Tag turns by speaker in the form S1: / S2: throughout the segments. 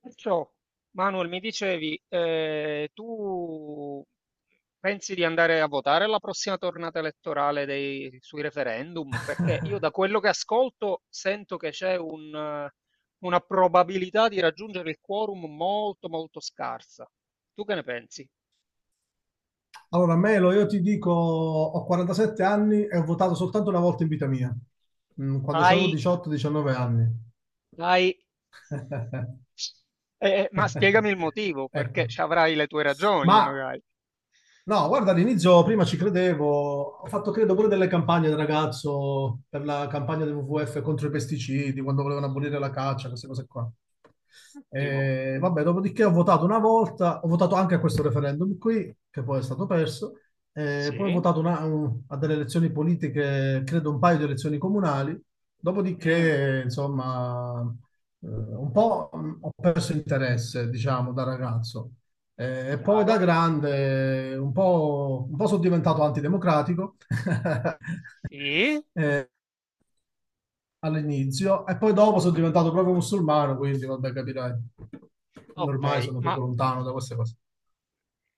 S1: Perciò, Manuel, mi dicevi, tu pensi di andare a votare alla prossima tornata elettorale sui referendum? Perché io da quello che ascolto sento che c'è una probabilità di raggiungere il quorum molto molto scarsa. Tu che ne pensi?
S2: Allora, Melo, io ti dico, ho 47 anni e ho votato soltanto una volta in vita mia, quando avevo
S1: Dai,
S2: 18-19 anni.
S1: dai. Ma spiegami il motivo, perché
S2: Ecco.
S1: ci avrai le tue ragioni,
S2: Ma
S1: magari.
S2: No, guarda, all'inizio prima ci credevo, ho fatto credo pure delle campagne da ragazzo per la campagna del WWF contro i pesticidi, quando volevano abolire la caccia, queste cose qua.
S1: Ottimo.
S2: E, vabbè, dopodiché ho votato una volta, ho votato anche a questo referendum qui, che poi è stato perso, e poi ho
S1: Sì.
S2: votato a delle elezioni politiche, credo un paio di elezioni comunali,
S1: Mm,
S2: dopodiché, insomma, un po' ho perso interesse, diciamo, da ragazzo. E poi da
S1: chiaro.
S2: grande un po' sono diventato antidemocratico
S1: Sì.
S2: eh, all'inizio e poi dopo sono diventato proprio musulmano, quindi vabbè, capirai.
S1: Ok,
S2: Ormai sono
S1: ma
S2: proprio
S1: mh,
S2: lontano da queste cose.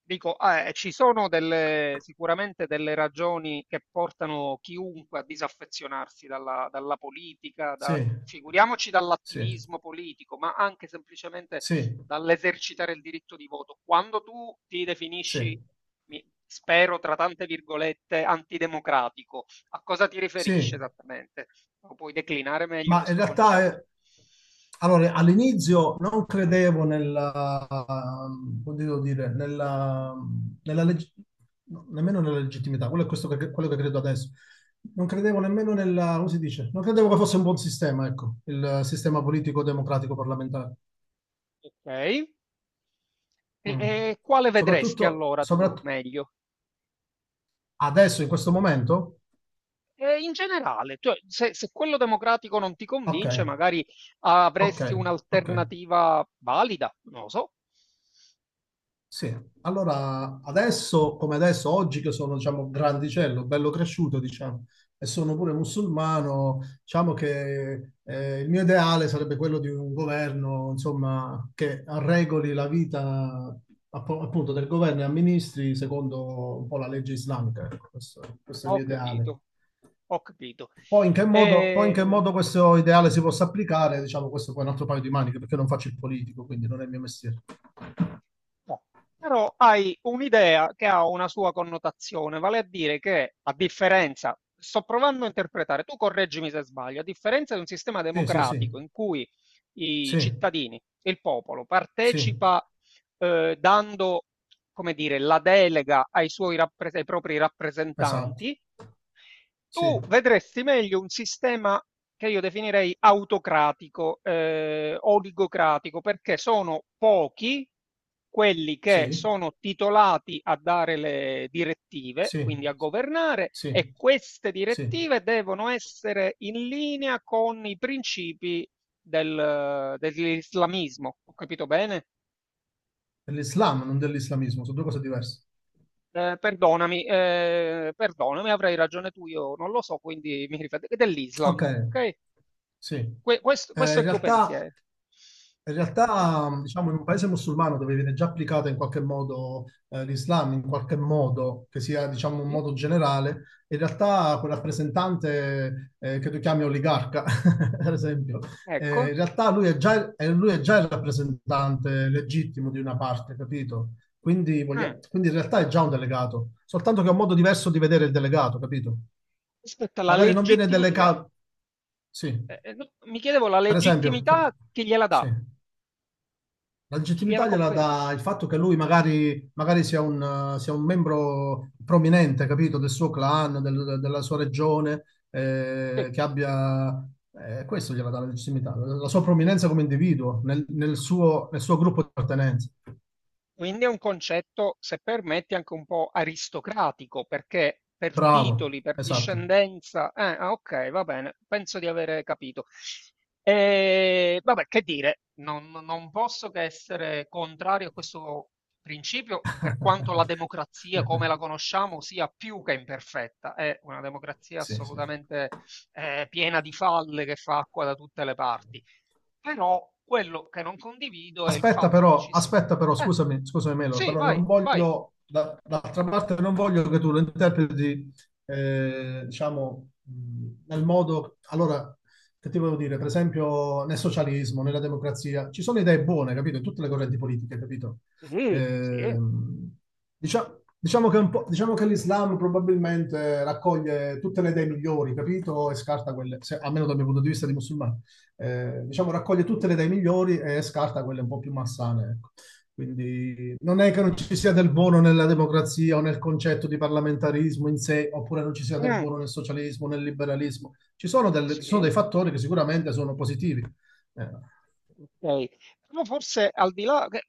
S1: dico, ci sono sicuramente delle ragioni che portano chiunque a disaffezionarsi dalla politica,
S2: Sì,
S1: figuriamoci
S2: sì,
S1: dall'attivismo politico, ma anche semplicemente
S2: sì,
S1: dall'esercitare il diritto di voto. Quando tu ti
S2: sì,
S1: definisci, spero tra tante virgolette, antidemocratico, a cosa ti riferisci
S2: sì.
S1: esattamente? Lo puoi declinare meglio
S2: Ma in
S1: questo
S2: realtà,
S1: concetto?
S2: allora, all'inizio non credevo nella, come devo dire, nella leg- no, nemmeno nella legittimità, quello che credo adesso. Non credevo nemmeno nella, come si dice? Non credevo che fosse un buon sistema, ecco, il sistema politico-democratico parlamentare.
S1: Ok, e
S2: Mm.
S1: e quale vedresti
S2: Soprattutto,
S1: allora tu meglio?
S2: adesso, in questo momento?
S1: In generale, cioè se quello democratico non ti
S2: Ok,
S1: convince, magari
S2: ok,
S1: avresti
S2: ok.
S1: un'alternativa valida, non lo so.
S2: Sì, allora adesso, come adesso, oggi che sono, diciamo, grandicello, bello cresciuto, diciamo, e sono pure musulmano, diciamo che il mio ideale sarebbe quello di un governo, insomma, che regoli la vita appunto del governo e amministri secondo un po' la legge islamica. Ecco, questo è il
S1: Ho
S2: mio ideale.
S1: capito, ho capito.
S2: Poi in che modo, poi in che
S1: Ehm,
S2: modo questo ideale si possa applicare, diciamo, questo poi è un altro paio di maniche, perché non faccio il politico, quindi non è il mio mestiere.
S1: no. Però hai un'idea che ha una sua connotazione, vale a dire che a differenza sto provando a interpretare, tu correggimi se sbaglio, a differenza di un sistema
S2: Sì, sì, sì,
S1: democratico in cui i
S2: sì,
S1: cittadini, il popolo
S2: sì.
S1: partecipa, dando come dire, la delega ai suoi ai propri
S2: Esatto,
S1: rappresentanti,
S2: sì,
S1: tu vedresti meglio un sistema che io definirei autocratico, oligocratico, perché sono pochi quelli che
S2: sì,
S1: sono titolati a dare le direttive,
S2: sì,
S1: quindi a governare, e
S2: sì,
S1: queste
S2: sì.
S1: direttive devono essere in linea con i principi dell'islamismo. Ho capito bene?
S2: Dell'Islam, non dell'islamismo, sono due cose diverse.
S1: Perdonami, perdonami, avrai ragione tu, io non lo so, quindi mi rifà dell'Islam,
S2: Ok,
S1: okay?
S2: sì.
S1: Que questo questo è
S2: In
S1: il tuo
S2: realtà
S1: pensiero.
S2: In realtà, diciamo, in un paese musulmano dove viene già applicata in qualche modo l'Islam, in qualche modo, che sia, diciamo, un
S1: Sì,
S2: modo generale, in realtà quel rappresentante che tu chiami oligarca, per esempio,
S1: ecco.
S2: in realtà lui è già il rappresentante legittimo di una parte, capito? Quindi,
S1: Mh.
S2: voglia- quindi in realtà è già un delegato, soltanto che è un modo diverso di vedere il delegato, capito?
S1: Aspetta, la
S2: Magari non viene
S1: legittimi la
S2: delegato, sì,
S1: no, mi chiedevo la
S2: per esempio,
S1: legittimità chi gliela
S2: sì.
S1: dà,
S2: La
S1: chi gliela
S2: legittimità gliela dà
S1: conferisce.
S2: il fatto che lui magari sia un membro prominente, capito, del suo clan, della sua regione,
S1: Sì.
S2: che abbia... questo gliela dà la legittimità, la sua prominenza come individuo nel suo gruppo di appartenenza.
S1: Quindi è un concetto, se permetti, anche un po' aristocratico, perché per
S2: Bravo,
S1: titoli, per
S2: esatto.
S1: discendenza, ah, ok, va bene, penso di avere capito. E, vabbè, che dire, non posso che essere contrario a questo principio, per quanto la democrazia come la conosciamo sia più che imperfetta, è una democrazia
S2: Sì, sì.
S1: assolutamente piena di falle che fa acqua da tutte le parti. Però quello che non condivido è il fatto che ci sia
S2: Aspetta però,
S1: eh,
S2: scusami, scusami Melo,
S1: sì,
S2: però non
S1: vai, vai.
S2: voglio, d'altra parte non voglio che tu lo interpreti, diciamo, nel modo, allora, che ti volevo dire, per esempio nel socialismo, nella democrazia, ci sono idee buone, capito, in tutte le correnti politiche, capito?
S1: Sì, sì.
S2: Ehm, diciamo, che un po', diciamo che l'Islam probabilmente raccoglie tutte le idee migliori, capito, e scarta quelle, almeno dal mio punto di vista di musulmano diciamo, raccoglie
S1: Mh,
S2: tutte le idee migliori e scarta quelle un po' più massane. Ecco. Quindi non è che non ci sia del buono nella democrazia o nel concetto di parlamentarismo in sé, oppure non ci sia del
S1: mh,
S2: buono nel socialismo, nel liberalismo. Ci sono
S1: sì.
S2: dei fattori che sicuramente sono positivi. Eh,
S1: Okay. Però forse al di là che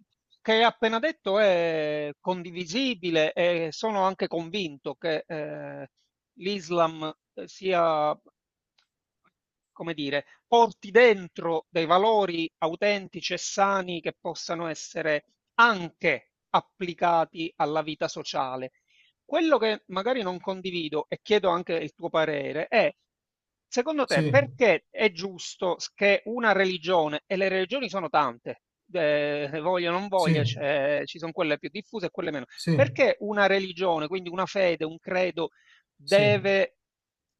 S1: che hai appena detto è condivisibile e sono anche convinto che, l'Islam, sia come dire, porti dentro dei valori autentici e sani che possano essere anche applicati alla vita sociale. Quello che magari non condivido e chiedo anche il tuo parere è, secondo te,
S2: sì,
S1: perché è giusto che una religione, e le religioni sono tante, voglia o non voglia,
S2: sì,
S1: ci sono quelle più diffuse e quelle meno,
S2: sì,
S1: perché una religione, quindi una fede, un credo,
S2: sì,
S1: deve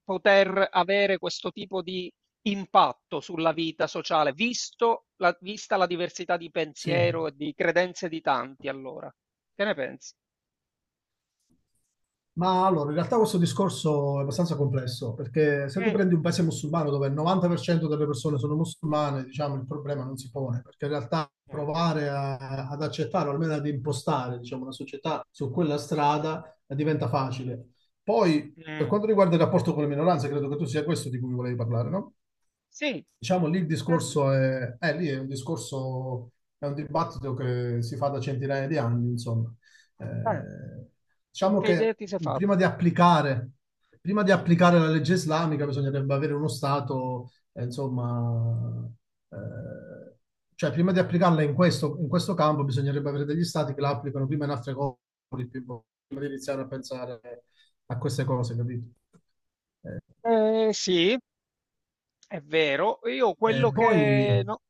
S1: poter avere questo tipo di impatto sulla vita sociale, visto vista la diversità di
S2: sì.
S1: pensiero e di credenze di tanti, allora? Che ne pensi?
S2: Ma allora, in realtà questo discorso è abbastanza complesso, perché se tu
S1: Mm.
S2: prendi un paese musulmano dove il 90% delle persone sono musulmane, diciamo, il problema non si pone, perché in realtà
S1: Mm.
S2: provare ad accettare, o almeno ad impostare, diciamo, una società su quella strada diventa facile. Poi, per
S1: Mh.
S2: quanto riguarda il rapporto con le minoranze, credo che tu sia questo di cui volevi parlare, no?
S1: Sì,
S2: Diciamo lì il
S1: eh,
S2: discorso è, lì è un discorso, è un dibattito che si fa da centinaia di anni, insomma. Eh, diciamo
S1: che idea
S2: che
S1: ti sei fa
S2: prima di applicare, prima di applicare la legge islamica bisognerebbe avere uno Stato, insomma, eh, cioè prima di applicarla in questo, campo bisognerebbe avere degli Stati che la applicano prima in altre cose, prima di iniziare a pensare a queste cose, capito? Eh,
S1: Eh sì, è vero. Io
S2: eh,
S1: quello che
S2: poi,
S1: no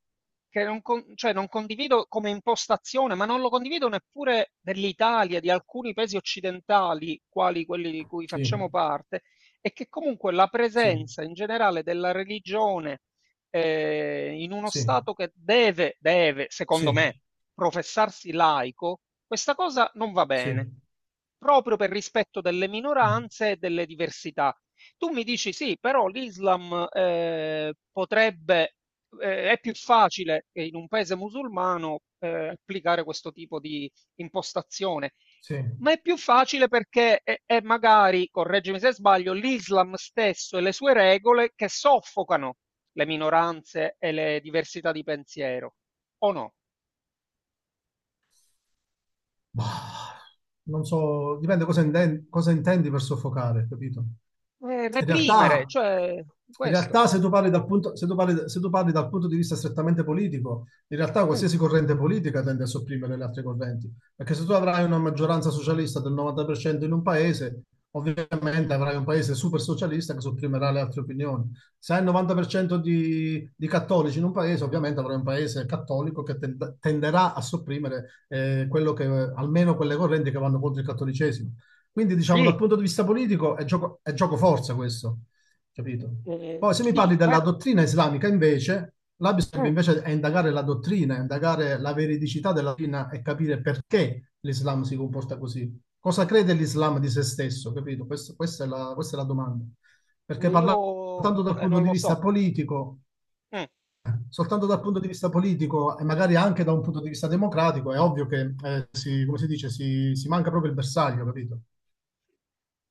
S1: Che non con cioè non condivido come impostazione, ma non lo condivido neppure dell'Italia, di alcuni paesi occidentali, quali quelli di cui
S2: sì,
S1: facciamo parte, è che comunque la
S2: sì.
S1: presenza in generale della religione, in uno
S2: Sì,
S1: Stato che deve, secondo
S2: sì,
S1: me, professarsi laico, questa cosa non va
S2: sì,
S1: bene, proprio per rispetto delle
S2: mm,
S1: minoranze e delle diversità. Tu mi dici: "Sì, però l'Islam, potrebbe" è più facile in un paese musulmano applicare questo tipo di impostazione,
S2: sì.
S1: ma è più facile perché è magari, correggimi se sbaglio, l'Islam stesso e le sue regole che soffocano le minoranze e le diversità di pensiero, o no?
S2: Ma non so, dipende cosa intendi per soffocare, capito? In
S1: Reprimere,
S2: realtà,
S1: cioè
S2: in
S1: questo.
S2: realtà se tu parli dal punto, se tu parli- se tu parli dal punto di vista strettamente politico, in realtà
S1: Mm,
S2: qualsiasi corrente politica tende a sopprimere le altre correnti, perché se tu avrai una maggioranza socialista del 90% in un paese, ovviamente avrai un paese super socialista che sopprimerà le altre opinioni. Se hai il 90% di cattolici in un paese, ovviamente avrai un paese cattolico che tenderà a sopprimere quello che, almeno quelle correnti che vanno contro il cattolicesimo. Quindi, diciamo, dal
S1: Sì,
S2: punto di vista politico è gioco forza questo, capito? Poi se mi
S1: sì,
S2: parli della
S1: però
S2: dottrina islamica, invece, là bisogna
S1: mm,
S2: invece è indagare la dottrina, indagare la veridicità della dottrina e capire perché l'Islam si comporta così. Cosa crede l'Islam di se stesso, capito? Questa è la, domanda. Perché parlare
S1: io
S2: soltanto dal punto
S1: non
S2: di
S1: lo
S2: vista
S1: so.
S2: politico,
S1: Mm.
S2: soltanto dal punto di vista politico e magari anche da un punto di vista democratico, è ovvio che, si, come si dice, si manca proprio il bersaglio, capito?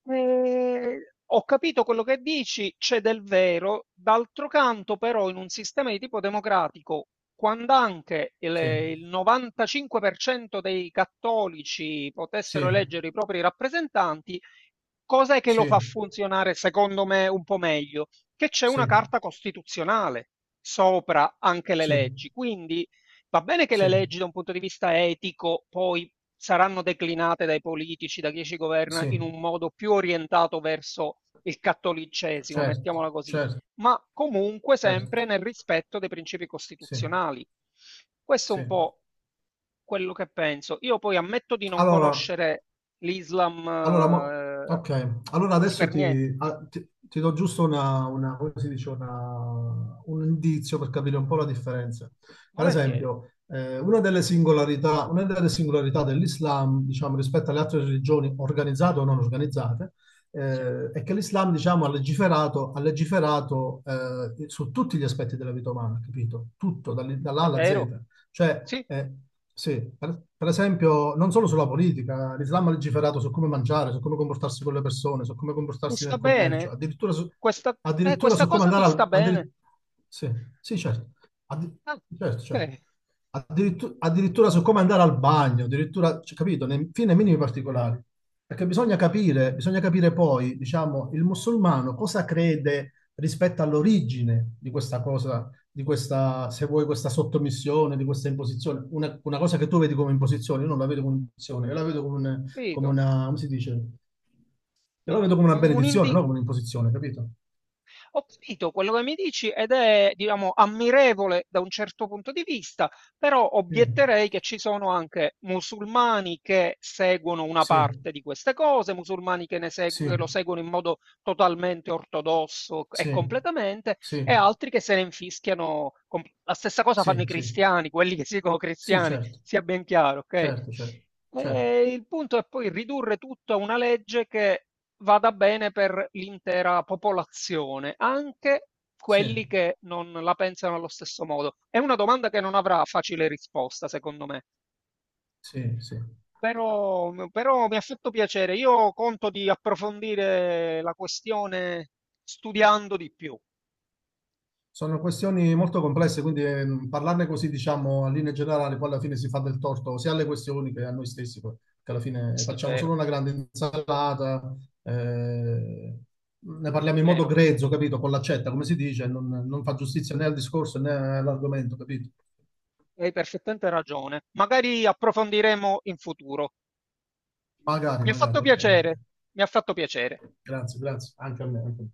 S1: Ehm, ho capito quello che dici, c'è del vero, d'altro canto però in un sistema di tipo democratico, quando anche
S2: Sì.
S1: il 95% dei cattolici potessero
S2: Sì,
S1: eleggere i propri rappresentanti, cos'è che lo fa
S2: sì,
S1: funzionare secondo me un po' meglio? Che c'è una
S2: sì,
S1: carta costituzionale sopra anche le
S2: sì,
S1: leggi, quindi va bene che
S2: sì,
S1: le leggi da un punto di vista etico poi saranno declinate dai politici, da chi ci governa,
S2: sì,
S1: in un modo più orientato verso il cattolicesimo,
S2: certo,
S1: mettiamola così,
S2: certo,
S1: ma comunque sempre
S2: certo,
S1: nel rispetto dei principi
S2: sì,
S1: costituzionali. Questo è un
S2: sì.
S1: po' quello che penso. Io poi ammetto di non
S2: Allora,
S1: conoscere l'Islam
S2: Allora,
S1: eh,
S2: ok, allora
S1: così
S2: adesso
S1: per niente.
S2: ti,
S1: Mm.
S2: a- ti- ti do giusto una, come si dice, un indizio per capire un po' la differenza. Per
S1: Volentieri,
S2: esempio, una delle singolarità dell'Islam, diciamo, rispetto alle altre religioni organizzate o non organizzate,
S1: sì.
S2: è che l'Islam, diciamo, ha legiferato, su tutti gli aspetti della vita umana, capito? Tutto, dall'A
S1: È
S2: alla
S1: vero?
S2: Z. Cioè,
S1: Sì,
S2: sì, per esempio, non solo sulla politica, l'Islam ha legiferato su come mangiare, su come comportarsi con le persone, su come
S1: ti
S2: comportarsi nel
S1: sta
S2: commercio,
S1: bene?
S2: addirittura su,
S1: Questa,
S2: addirittura
S1: questa
S2: su come
S1: cosa ti
S2: andare
S1: sta
S2: al,
S1: bene?
S2: sì, sì, certo. Addi-
S1: Ah,
S2: certo, certo.
S1: ok.
S2: Addirittura su come andare al bagno, addirittura, cioè, capito, nei, fin nei minimi particolari. Perché bisogna capire poi, diciamo, il musulmano cosa crede rispetto all'origine di questa cosa, di questa, se vuoi, questa sottomissione, di questa imposizione. Una cosa che tu vedi come imposizione, io non la vedo come imposizione, io la vedo come
S1: Capito,
S2: una, come si dice? Io la vedo come una
S1: un
S2: benedizione,
S1: indi
S2: no? Come un'imposizione, capito?
S1: ho capito quello che mi dici ed è, diciamo, ammirevole da un certo punto di vista, però
S2: Sì,
S1: obietterei che ci sono anche musulmani che seguono una
S2: sì,
S1: parte di queste cose, musulmani che, che lo
S2: sì,
S1: seguono in modo totalmente ortodosso e
S2: sì,
S1: completamente,
S2: sì,
S1: e altri che se ne infischiano. La stessa cosa fanno
S2: sì,
S1: i
S2: sì,
S1: cristiani, quelli che si dicono
S2: sì,
S1: cristiani,
S2: certo,
S1: sia ben chiaro, ok?
S2: certo, certo, certo,
S1: E il punto è poi ridurre tutto a una legge che vada bene per l'intera popolazione, anche
S2: sì,
S1: quelli che non la pensano allo stesso modo. È una domanda che non avrà facile risposta, secondo me.
S2: sì, sì.
S1: Però, però mi ha fatto piacere. Io conto di approfondire la questione studiando di più.
S2: Sono questioni molto complesse, quindi parlarne così, diciamo, a linea generale, poi alla fine si fa del torto sia alle questioni che a noi stessi, poi, che alla fine
S1: Questo è
S2: facciamo solo
S1: vero,
S2: una grande insalata, eh, ne parliamo in modo
S1: vero.
S2: grezzo, capito? Con l'accetta, come si dice, non fa giustizia né al discorso né all'argomento, capito?
S1: Hai perfettamente ragione. Magari approfondiremo in futuro.
S2: Magari,
S1: Mi ha fatto
S2: magari, ok, va
S1: piacere,
S2: bene.
S1: mi ha fatto piacere.
S2: Grazie, grazie, anche a me. Anche a me.